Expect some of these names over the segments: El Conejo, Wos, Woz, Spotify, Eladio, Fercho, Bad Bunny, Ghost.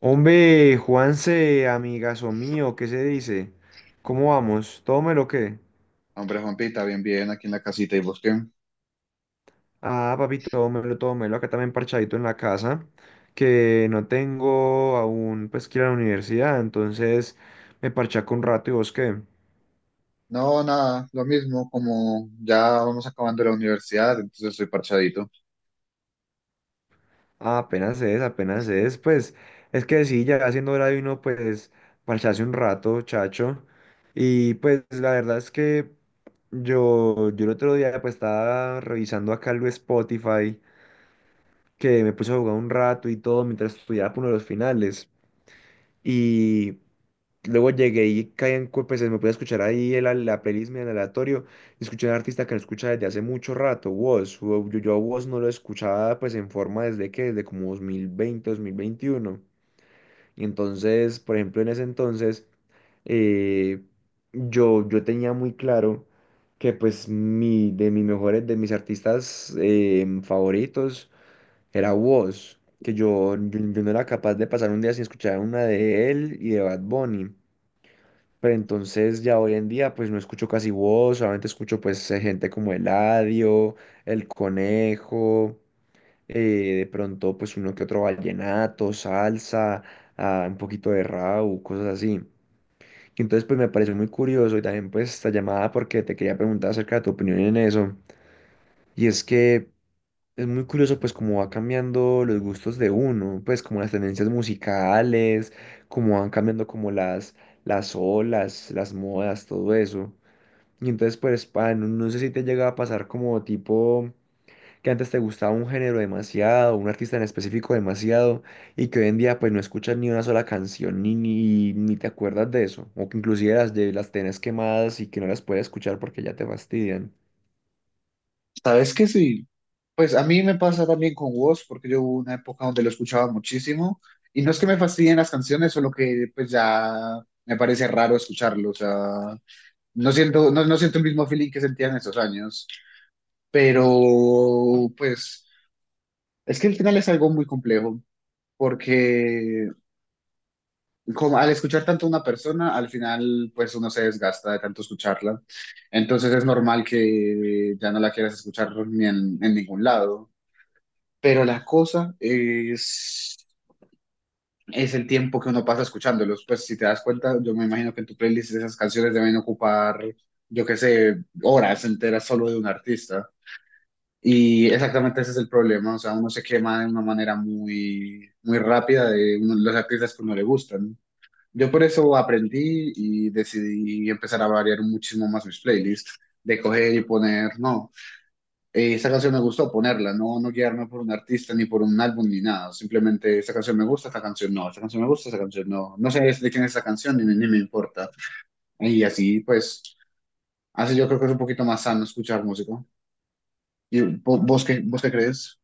Hombre, Juanse, amigazo mío, ¿qué se dice? ¿Cómo vamos? ¿Tómelo o qué? Hombre, Juanpita, bien, bien, aquí en la casita. ¿Y vos qué? Ah, papi, tómelo, tómelo. Acá también parchadito en la casa, que no tengo aún, pues, que ir a la universidad, entonces me parchaco un rato, ¿y vos qué? No, nada, lo mismo. Como ya vamos acabando la universidad, entonces estoy parchadito. Ah, apenas es, pues, es que sí, ya haciendo hora de uno, pues, parcharse un rato, chacho. Y pues, la verdad es que yo el otro día, pues, estaba revisando acá el Spotify, que me puse a jugar un rato y todo mientras estudiaba por uno de los finales. Y luego llegué y caí en pues me pude escuchar ahí la playlist en aleatorio. Y escuché a un artista que no escucha desde hace mucho rato, Wos. Yo a Wos no lo escuchaba pues en forma desde que, desde como dos mil veinte 2021. Y entonces, por ejemplo, en ese entonces, eh, yo tenía muy claro que pues mi, de mis mejores, de mis artistas favoritos era Woz, que yo no era capaz de pasar un día sin escuchar una de él y de Bad Bunny. Pero entonces ya hoy en día pues no escucho casi Woz, solamente escucho pues gente como Eladio, El Conejo, eh, de pronto pues uno que otro vallenato, salsa, ah, un poquito de rap, cosas así. Y entonces pues me pareció muy curioso y también pues esta llamada porque te quería preguntar acerca de tu opinión en eso. Y es que es muy curioso pues cómo va cambiando los gustos de uno, pues como las tendencias musicales, cómo van cambiando como las olas, las modas, todo eso. Y entonces pues no, no sé si te llega a pasar como tipo que antes te gustaba un género demasiado, un artista en específico demasiado, y que hoy en día pues no escuchas ni una sola canción ni te acuerdas de eso, o que inclusive las tenés quemadas y que no las puedes escuchar porque ya te fastidian. ¿Sabes qué? Sí, pues a mí me pasa también con Woz, porque yo hubo una época donde lo escuchaba muchísimo, y no es que me fastidien las canciones, solo que pues ya me parece raro escucharlo, o sea, no siento, no, no siento el mismo feeling que sentía en esos años, pero pues es que el final es algo muy complejo, porque como al escuchar tanto a una persona, al final pues uno se desgasta de tanto escucharla. Entonces es normal que ya no la quieras escuchar ni en, en ningún lado. Pero la cosa es el tiempo que uno pasa escuchándolos. Pues si te das cuenta, yo me imagino que en tu playlist esas canciones deben ocupar, yo qué sé, horas enteras solo de un artista. Y exactamente ese es el problema, o sea, uno se quema de una manera muy, muy rápida de los artistas que no le gustan. Yo por eso aprendí y decidí empezar a variar muchísimo más mis playlists, de coger y poner, no, esa canción me gustó ponerla, no, no guiarme por un artista ni por un álbum ni nada, simplemente esa canción me gusta, esta canción no, esta canción me gusta, esta canción no, no sé de quién es esa canción ni, ni me importa. Y así pues, así yo creo que es un poquito más sano escuchar música. ¿Y vos qué crees?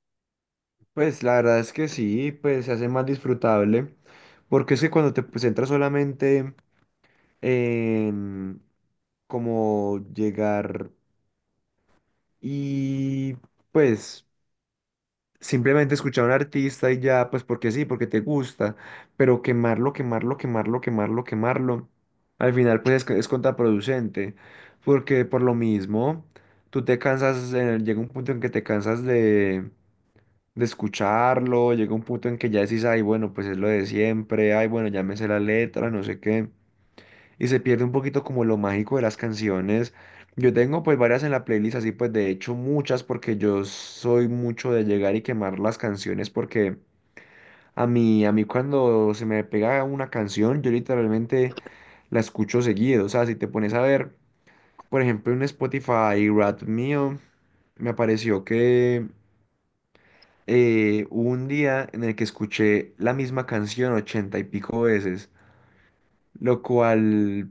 Pues la verdad es que sí, pues se hace más disfrutable, porque es que cuando te pues, centras solamente en como llegar y pues simplemente escuchar a un artista y ya, pues porque sí, porque te gusta, pero quemarlo, quemarlo, quemarlo, quemarlo, quemarlo, al final pues es contraproducente, porque por lo mismo, tú te cansas, llega un punto en que te cansas de escucharlo, llega un punto en que ya decís, ay, bueno, pues es lo de siempre, ay, bueno, ya me sé la letra, no sé qué, y se pierde un poquito como lo mágico de las canciones. Yo tengo pues varias en la playlist, así pues de hecho muchas, porque yo soy mucho de llegar y quemar las canciones, porque a mí cuando se me pega una canción, yo literalmente la escucho seguido, o sea, si te pones a ver, por ejemplo, en Spotify, Rap mío, me apareció que hubo un día en el que escuché la misma canción 80 y pico veces, lo cual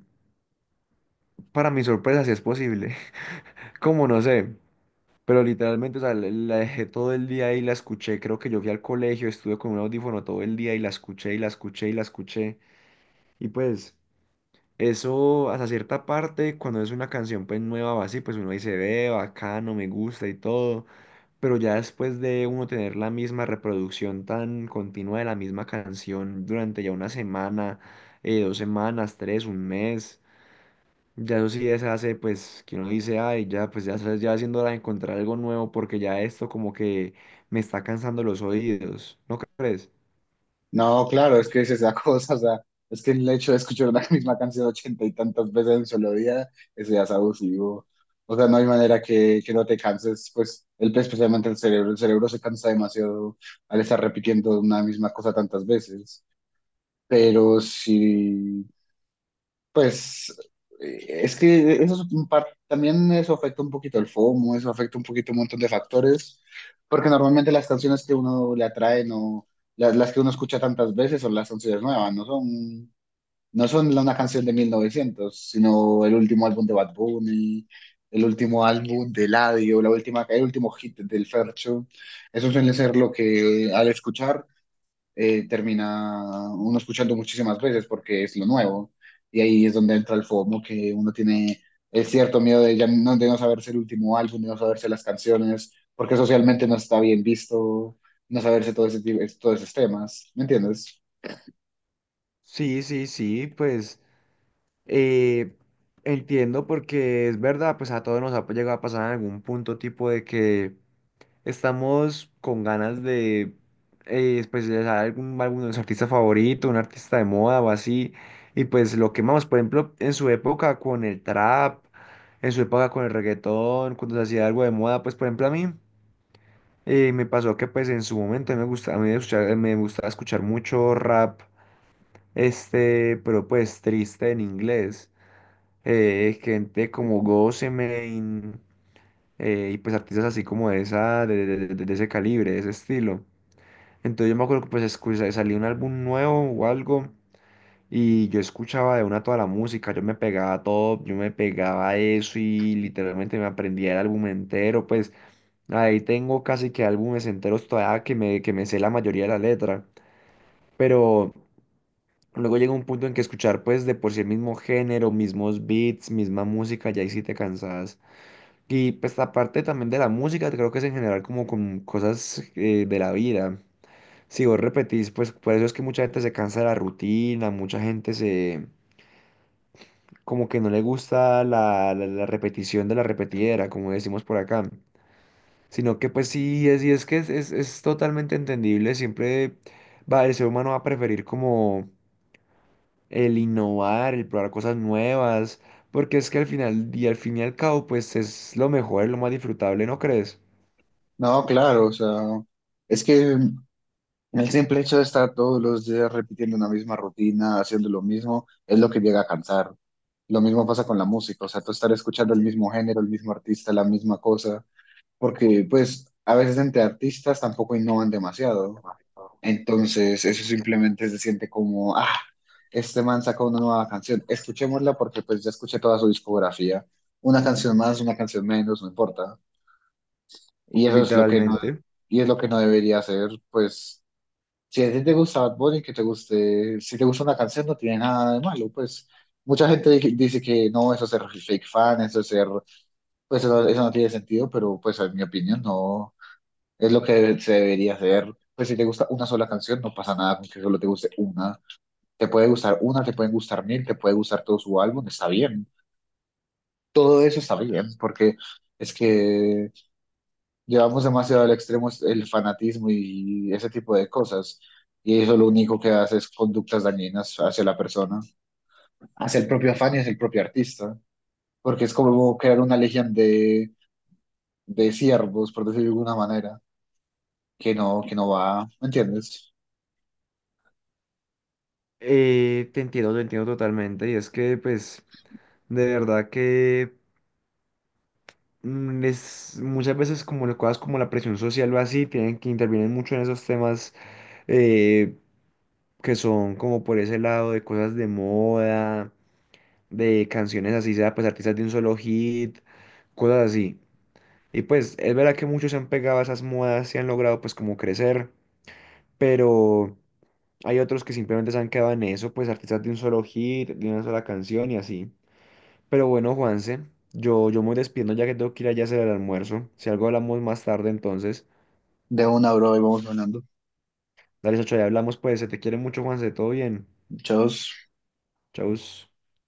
para mi sorpresa sí es posible, como no sé, pero literalmente, o sea, la dejé todo el día ahí la escuché, creo que yo fui al colegio, estuve con un audífono todo el día y la escuché y la escuché y la escuché, y pues eso hasta cierta parte, cuando es una canción pues nueva o así, pues uno dice, ve, bacano, me gusta y todo. Pero ya después de uno tener la misma reproducción tan continua de la misma canción durante ya una semana, 2 semanas, tres, un mes, ya eso sí se hace, pues, que uno dice, ay, ya, pues ya, ya haciendo hora de encontrar algo nuevo porque ya esto como que me está cansando los oídos, ¿no crees? No, claro, es que es esa cosa, o sea, es que el hecho de escuchar la misma canción ochenta y tantas veces en un solo día, eso ya es abusivo. O sea, no hay manera que no te canses, pues, el, especialmente el cerebro se cansa demasiado al estar repitiendo una misma cosa tantas veces. Pero sí, pues es que eso es un también eso afecta un poquito el FOMO, eso afecta un poquito un montón de factores, porque normalmente las canciones que uno le atrae, no las, las que uno escucha tantas veces son las canciones nuevas, no son, no son una canción de 1900, sino el último álbum de Bad Bunny, el último álbum de Eladio, la última, el último hit del Fercho. Eso suele ser lo que al escuchar termina uno escuchando muchísimas veces porque es lo nuevo. Y ahí es donde entra el FOMO, que uno tiene el cierto miedo de, ya no, de no saberse el último álbum, de no saberse las canciones, porque socialmente no está bien visto, no saberse todo ese, todos esos temas. ¿Me entiendes? Sí, sí, sí, pues eh, entiendo porque es verdad, pues a todos nos ha llegado a pasar en algún punto tipo de que estamos con ganas de pues, de algún álbum de nuestro artista favorito, un artista de moda o así. Y pues lo quemamos, por ejemplo, en su época con el trap, en su época con el reggaetón, cuando se hacía algo de moda, pues por ejemplo a mí me pasó que pues en su momento me gusta, a mí me gustaba escuchar mucho rap, este, pero pues triste en inglés. Gente como Ghost y pues artistas así como de esa, de ese calibre, de ese estilo. Entonces yo me acuerdo que pues escuché, salía un álbum nuevo o algo y yo escuchaba de una toda la música, yo me pegaba todo, yo me pegaba eso y literalmente me aprendía el álbum entero, pues ahí tengo casi que álbumes enteros todavía que me sé la mayoría de la letra, pero luego llega un punto en que escuchar pues de por sí el mismo género, mismos beats, misma música, ya ahí sí te cansas. Y pues aparte también de la música, creo que es en general como con cosas de la vida. Si vos repetís, pues por eso es que mucha gente se cansa de la rutina, mucha gente se como que no le gusta la repetición de la repetidera, como decimos por acá. Sino que pues sí, es, y es que es, es totalmente entendible, siempre va, el ser humano va a preferir como el innovar, el probar cosas nuevas, porque es que al final, y al fin y al cabo, pues es lo mejor, es lo más disfrutable, ¿no crees? No, claro, o sea, es que el simple hecho de estar todos los días repitiendo una misma rutina, haciendo lo mismo, es lo que llega a cansar. Lo mismo pasa con la música, o sea, tú estar escuchando el mismo género, el mismo artista, la misma cosa, porque pues a veces entre artistas tampoco innovan demasiado. Entonces eso simplemente se siente como, ah, este man sacó una nueva canción, escuchémosla porque pues ya escuché toda su discografía. Una canción más, una canción menos, no importa. Y eso es lo que no, Literalmente. y es lo que no debería hacer, pues si a ti te gusta Bad Bunny, que te guste, si te gusta una canción no tiene nada de malo, pues mucha gente dice que no, eso es ser fake fan, eso es ser, pues eso no tiene sentido, pero pues en mi opinión no. Es lo que se debería hacer. Pues si te gusta una sola canción, no pasa nada con que solo te guste una. Te puede gustar una, te pueden gustar mil, te puede gustar todo su álbum, está bien. Todo eso está bien, porque es que llevamos demasiado al extremo el fanatismo y ese tipo de cosas. Y eso lo único que hace es conductas dañinas hacia la persona, hacia el propio afán y hacia el propio artista. Porque es como crear una legión de siervos, por decirlo de alguna manera, que no va, ¿me entiendes? Te entiendo, te entiendo totalmente. Y es que, pues, de verdad que es, muchas veces como las cosas como la presión social o así tienen que intervienen mucho en esos temas eh, que son como por ese lado de cosas de moda, de canciones así sea, pues artistas de un solo hit, cosas así. Y pues es verdad que muchos se han pegado a esas modas y han logrado pues como crecer, pero hay otros que simplemente se han quedado en eso, pues artistas de un solo hit, de una sola canción y así. Pero bueno, Juanse, yo me voy despidiendo ya que tengo que ir allá a hacer el almuerzo. Si algo hablamos más tarde, entonces. De una, bro, y vamos ganando. Dale, Sacho, ya hablamos, pues. Se te quiere mucho, Juanse. Todo bien. Muchos Chau.